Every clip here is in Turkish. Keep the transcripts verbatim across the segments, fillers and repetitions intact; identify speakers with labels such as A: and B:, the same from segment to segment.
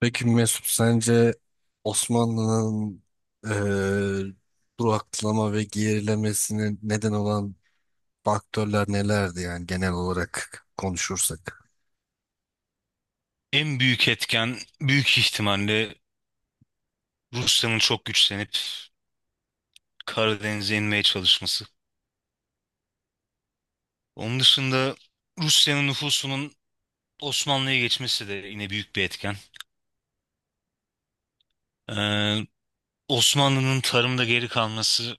A: Peki Mesut, sence Osmanlı'nın eee duraklama ve gerilemesine neden olan faktörler nelerdi, yani genel olarak konuşursak?
B: En büyük etken büyük ihtimalle Rusya'nın çok güçlenip Karadeniz'e inmeye çalışması. Onun dışında Rusya'nın nüfusunun Osmanlı'ya geçmesi de yine büyük bir etken. Ee, Osmanlı'nın tarımda geri kalması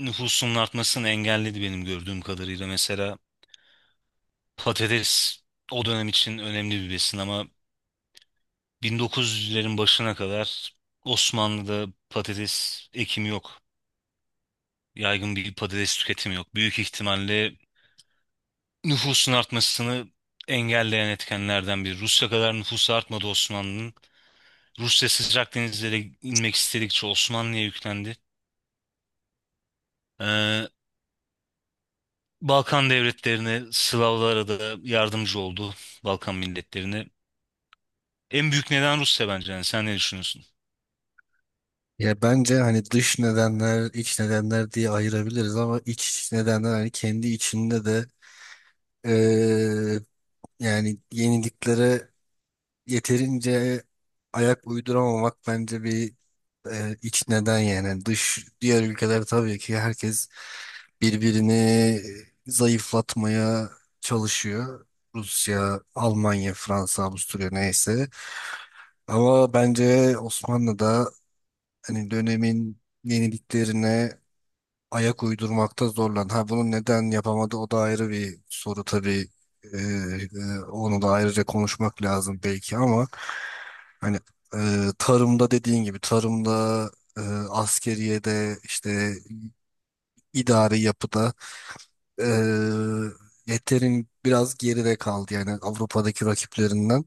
B: nüfusunun artmasını engelledi benim gördüğüm kadarıyla. Mesela patates o dönem için önemli bir besin ama bin dokuz yüzlerin başına kadar Osmanlı'da patates ekimi yok. Yaygın bir patates tüketimi yok. Büyük ihtimalle nüfusun artmasını engelleyen etkenlerden biri. Rusya kadar nüfusu artmadı Osmanlı'nın. Rusya sıcak denizlere inmek istedikçe Osmanlı'ya yüklendi. Ee, Balkan devletlerine, Slavlara da yardımcı oldu. Balkan milletlerine. En büyük neden Rusya bence. Yani sen ne düşünüyorsun?
A: Ya bence hani dış nedenler, iç nedenler diye ayırabiliriz ama iç nedenler hani kendi içinde de eee, yani yeniliklere yeterince ayak uyduramamak bence bir e, iç neden. Yani dış, diğer ülkeler tabii ki herkes birbirini zayıflatmaya çalışıyor. Rusya, Almanya, Fransa, Avusturya neyse. Ama bence Osmanlı da hani dönemin yeniliklerine ayak uydurmakta zorlandı. Ha bunu neden yapamadı o da ayrı bir soru tabii. E, e, onu da ayrıca konuşmak lazım belki ama hani e, tarımda, dediğin gibi tarımda, e, askeriyede, işte idari yapıda e, yeterin biraz geride kaldı yani Avrupa'daki rakiplerinden,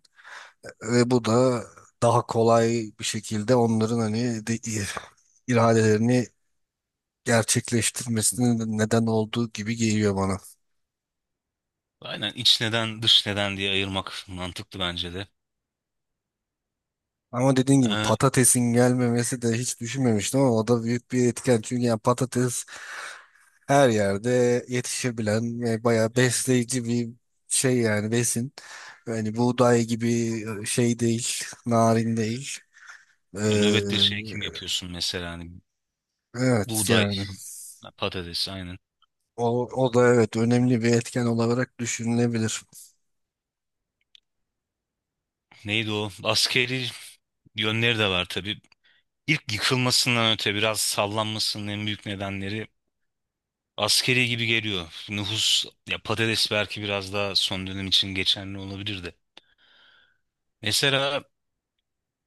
A: ve bu da daha kolay bir şekilde onların hani de, iradelerini gerçekleştirmesine neden olduğu gibi geliyor bana.
B: Aynen, iç neden, dış neden diye ayırmak mantıklı bence de.
A: Ama dediğin gibi
B: Ee,
A: patatesin gelmemesi de, hiç düşünmemiştim ama o da büyük bir etken. Çünkü yani patates her yerde yetişebilen ve bayağı
B: yani,
A: besleyici bir şey, yani besin. Yani buğday gibi e, şey değil, narin değil. Ee,
B: yani nöbette şey kim yapıyorsun mesela hani
A: evet
B: buğday,
A: yani
B: patates aynen.
A: o, o da evet önemli bir etken olarak düşünülebilir.
B: Neydi o? Askeri yönleri de var tabii. İlk yıkılmasından öte biraz sallanmasının en büyük nedenleri askeri gibi geliyor. Nüfus, ya patates belki biraz daha son dönem için geçerli olabilir de. Mesela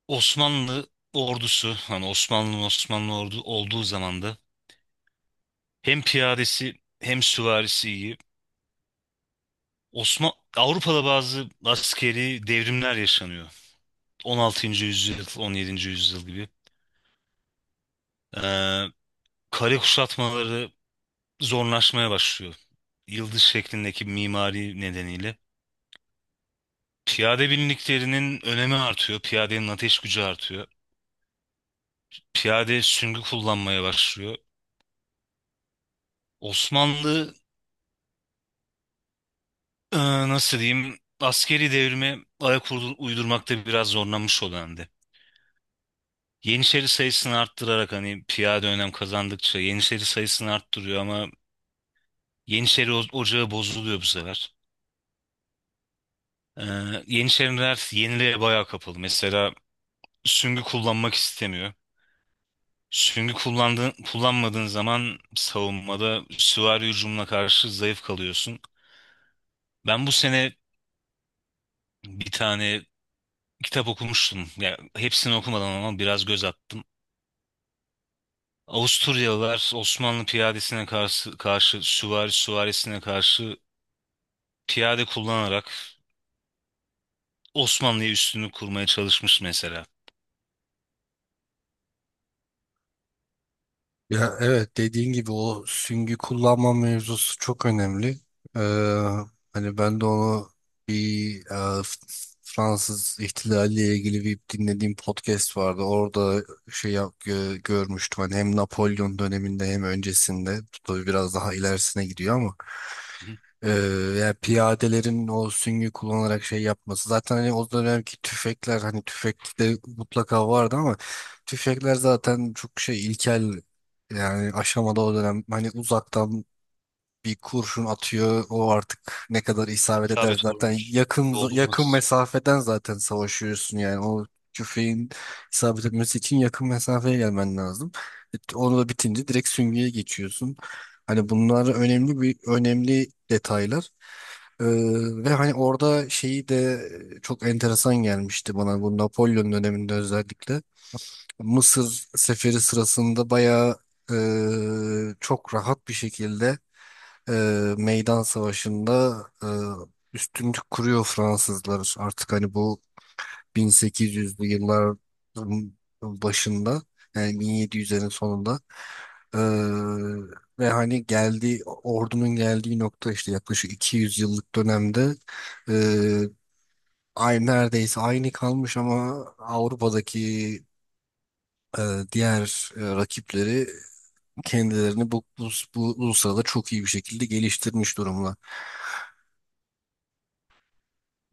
B: Osmanlı ordusu, hani Osmanlı Osmanlı ordu olduğu zaman da hem piyadesi hem süvarisi iyi. Osman Avrupa'da bazı askeri devrimler yaşanıyor. on altıncı yüzyıl, on yedinci yüzyıl gibi. Ee, kale kuşatmaları zorlaşmaya başlıyor. Yıldız şeklindeki mimari nedeniyle. Piyade binliklerinin önemi artıyor. Piyadenin ateş gücü artıyor. Piyade süngü kullanmaya başlıyor. Osmanlı e, nasıl diyeyim askeri devrime ayak uydur- uydurmakta biraz zorlanmış o dönemde. Yeniçeri sayısını arttırarak hani piyade önem kazandıkça Yeniçeri sayısını arttırıyor ama Yeniçeri o- ocağı bozuluyor bu sefer. E, Yeniçeriler yeniliğe bayağı kapalı. Mesela süngü kullanmak istemiyor. Süngü kullandığın, kullanmadığın zaman savunmada süvari hücumuna karşı zayıf kalıyorsun. Ben bu sene bir tane kitap okumuştum. Ya hepsini okumadan ama biraz göz attım. Avusturyalılar Osmanlı piyadesine karşı, karşı süvari süvarisine karşı piyade kullanarak Osmanlı'ya üstünlük kurmaya çalışmış mesela.
A: Ya evet, dediğin gibi o süngü kullanma mevzusu çok önemli. Ee, hani ben de onu bir e, F- Fransız ihtilaliyle ilgili bir dinlediğim podcast vardı. Orada şey yap, gö- görmüştüm. Hani hem Napolyon döneminde hem öncesinde. Tabii biraz daha ilerisine gidiyor ama.
B: Hı.
A: Ee, yani piyadelerin o süngü kullanarak şey yapması. Zaten hani o dönemki tüfekler, hani tüfek de mutlaka vardı ama tüfekler zaten çok şey ilkel yani aşamada o dönem. Hani uzaktan bir kurşun atıyor. O artık ne kadar isabet eder,
B: İsabet
A: zaten
B: olmuş.
A: yakın yakın
B: Doldurması.
A: mesafeden zaten savaşıyorsun yani. O tüfeğin isabet etmesi için yakın mesafeye gelmen lazım. E, Onu da bitince direkt süngüye geçiyorsun. Hani bunlar önemli bir önemli detaylar. Ee, ve hani orada şeyi de çok enteresan gelmişti bana, bu Napolyon döneminde özellikle. Mısır seferi sırasında bayağı e, çok rahat bir şekilde e, meydan savaşında e, üstünlük kuruyor Fransızlar. Artık hani bu bin sekiz yüzlü yılların başında, yani bin yedi yüzlerin sonunda, e, ve hani geldiği ordunun geldiği nokta, işte yaklaşık iki yüz yıllık dönemde e, aynı neredeyse aynı kalmış ama Avrupa'daki e, diğer e, rakipleri kendilerini bu, bu, bu, bu sırada çok iyi bir şekilde geliştirmiş durumda.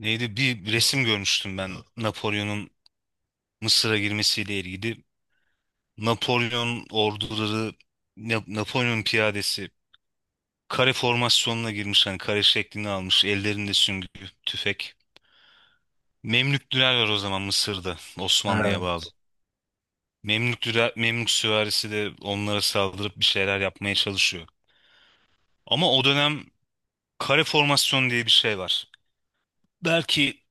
B: Neydi? Bir resim görmüştüm ben Napolyon'un Mısır'a girmesiyle ilgili. Napolyon orduları, Na- Napolyon piyadesi kare formasyonuna girmiş, hani kare şeklini almış. Ellerinde süngü, tüfek. Memlüktüler var o zaman Mısır'da, Osmanlı'ya bağlı.
A: Evet.
B: Memlüktüler, Memlük süvarisi de onlara saldırıp bir şeyler yapmaya çalışıyor. Ama o dönem kare formasyon diye bir şey var. Belki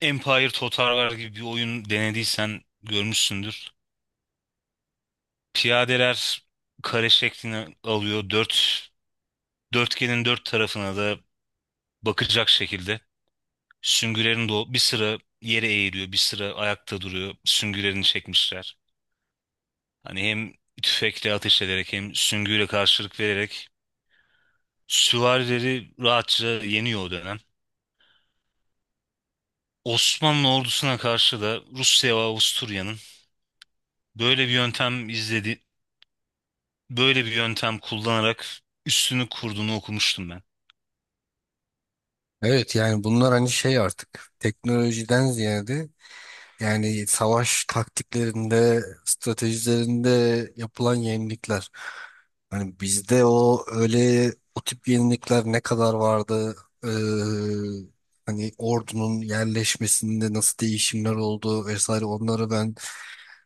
B: Empire Total War gibi bir oyun denediysen görmüşsündür. Piyadeler kare şeklini alıyor. Dört, dörtgenin dört tarafına da bakacak şekilde. Süngülerin de o- bir sıra yere eğiliyor, bir sıra ayakta duruyor. Süngülerini çekmişler. Hani hem tüfekle ateş ederek hem süngüyle karşılık vererek süvarileri rahatça yeniyor o dönem. Osmanlı ordusuna karşı da Rusya ve Avusturya'nın böyle bir yöntem izledi, böyle bir yöntem kullanarak üstünü kurduğunu okumuştum ben.
A: Evet yani bunlar hani şey artık teknolojiden ziyade yani savaş taktiklerinde, stratejilerinde yapılan yenilikler. Hani bizde o öyle o tip yenilikler ne kadar vardı? Ee, hani ordunun yerleşmesinde nasıl değişimler oldu vesaire, onları ben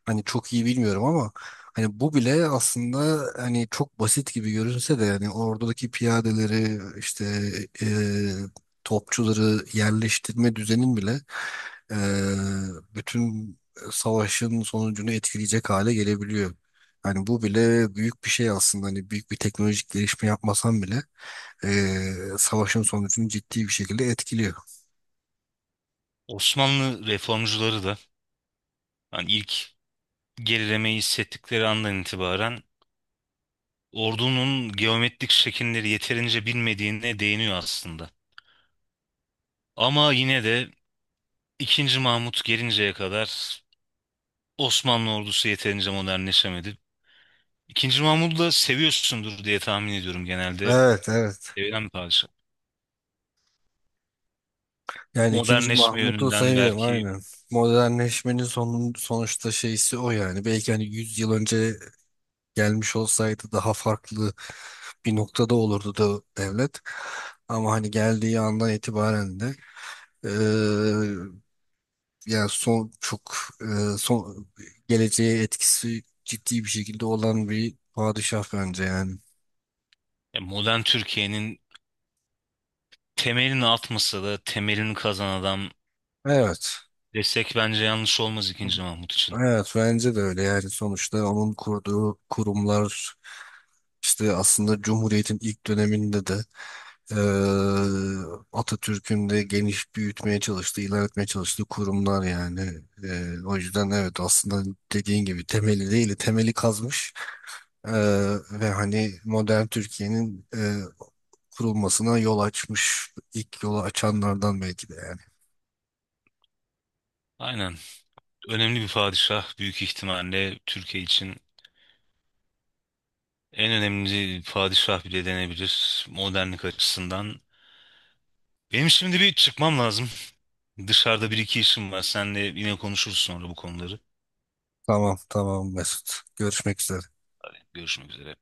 A: hani çok iyi bilmiyorum ama hani bu bile aslında, hani çok basit gibi görünse de, yani oradaki piyadeleri işte e, topçuları yerleştirme düzenin bile e, bütün savaşın sonucunu etkileyecek hale gelebiliyor. Hani bu bile büyük bir şey aslında, hani büyük bir teknolojik gelişme yapmasan bile e, savaşın sonucunu ciddi bir şekilde etkiliyor.
B: Osmanlı reformcuları da hani ilk gerilemeyi hissettikleri andan itibaren ordunun geometrik şekilleri yeterince bilmediğine değiniyor aslında. Ama yine de ikinci. Mahmut gelinceye kadar Osmanlı ordusu yeterince modernleşemedi. ikinci. Mahmud'u da seviyorsundur diye tahmin ediyorum genelde.
A: Evet, evet.
B: Sevilen bir padişah.
A: Yani ikinci
B: Modernleşme
A: Mahmut'u
B: yönünden
A: sayıyorum,
B: belki
A: aynen. Modernleşmenin son, sonuçta şeysi o yani. Belki hani yüz yıl önce gelmiş olsaydı daha farklı bir noktada olurdu da devlet. Ama hani geldiği andan itibaren de eee, yani son çok eee, son geleceğe etkisi ciddi bir şekilde olan bir padişah bence yani.
B: ya modern Türkiye'nin temelini atmasa da temelini kazan adam
A: Evet.
B: desek bence yanlış olmaz ikinci. Mahmut için.
A: Evet bence de öyle, yani sonuçta onun kurduğu kurumlar işte aslında Cumhuriyet'in ilk döneminde de Eee, Atatürk'ün de geniş, büyütmeye çalıştığı, ilerletmeye çalıştığı kurumlar yani. Eee, o yüzden evet, aslında dediğin gibi temeli değil, temeli kazmış Eee, ve hani modern Türkiye'nin eee, kurulmasına yol açmış, ilk yolu açanlardan belki de yani.
B: Aynen. Önemli bir padişah, büyük ihtimalle Türkiye için en önemli padişah bile denebilir modernlik açısından. Benim şimdi bir çıkmam lazım. Dışarıda bir iki işim var. Senle yine konuşuruz sonra bu konuları.
A: Tamam, tamam Mesut. Görüşmek üzere.
B: Görüşmek üzere.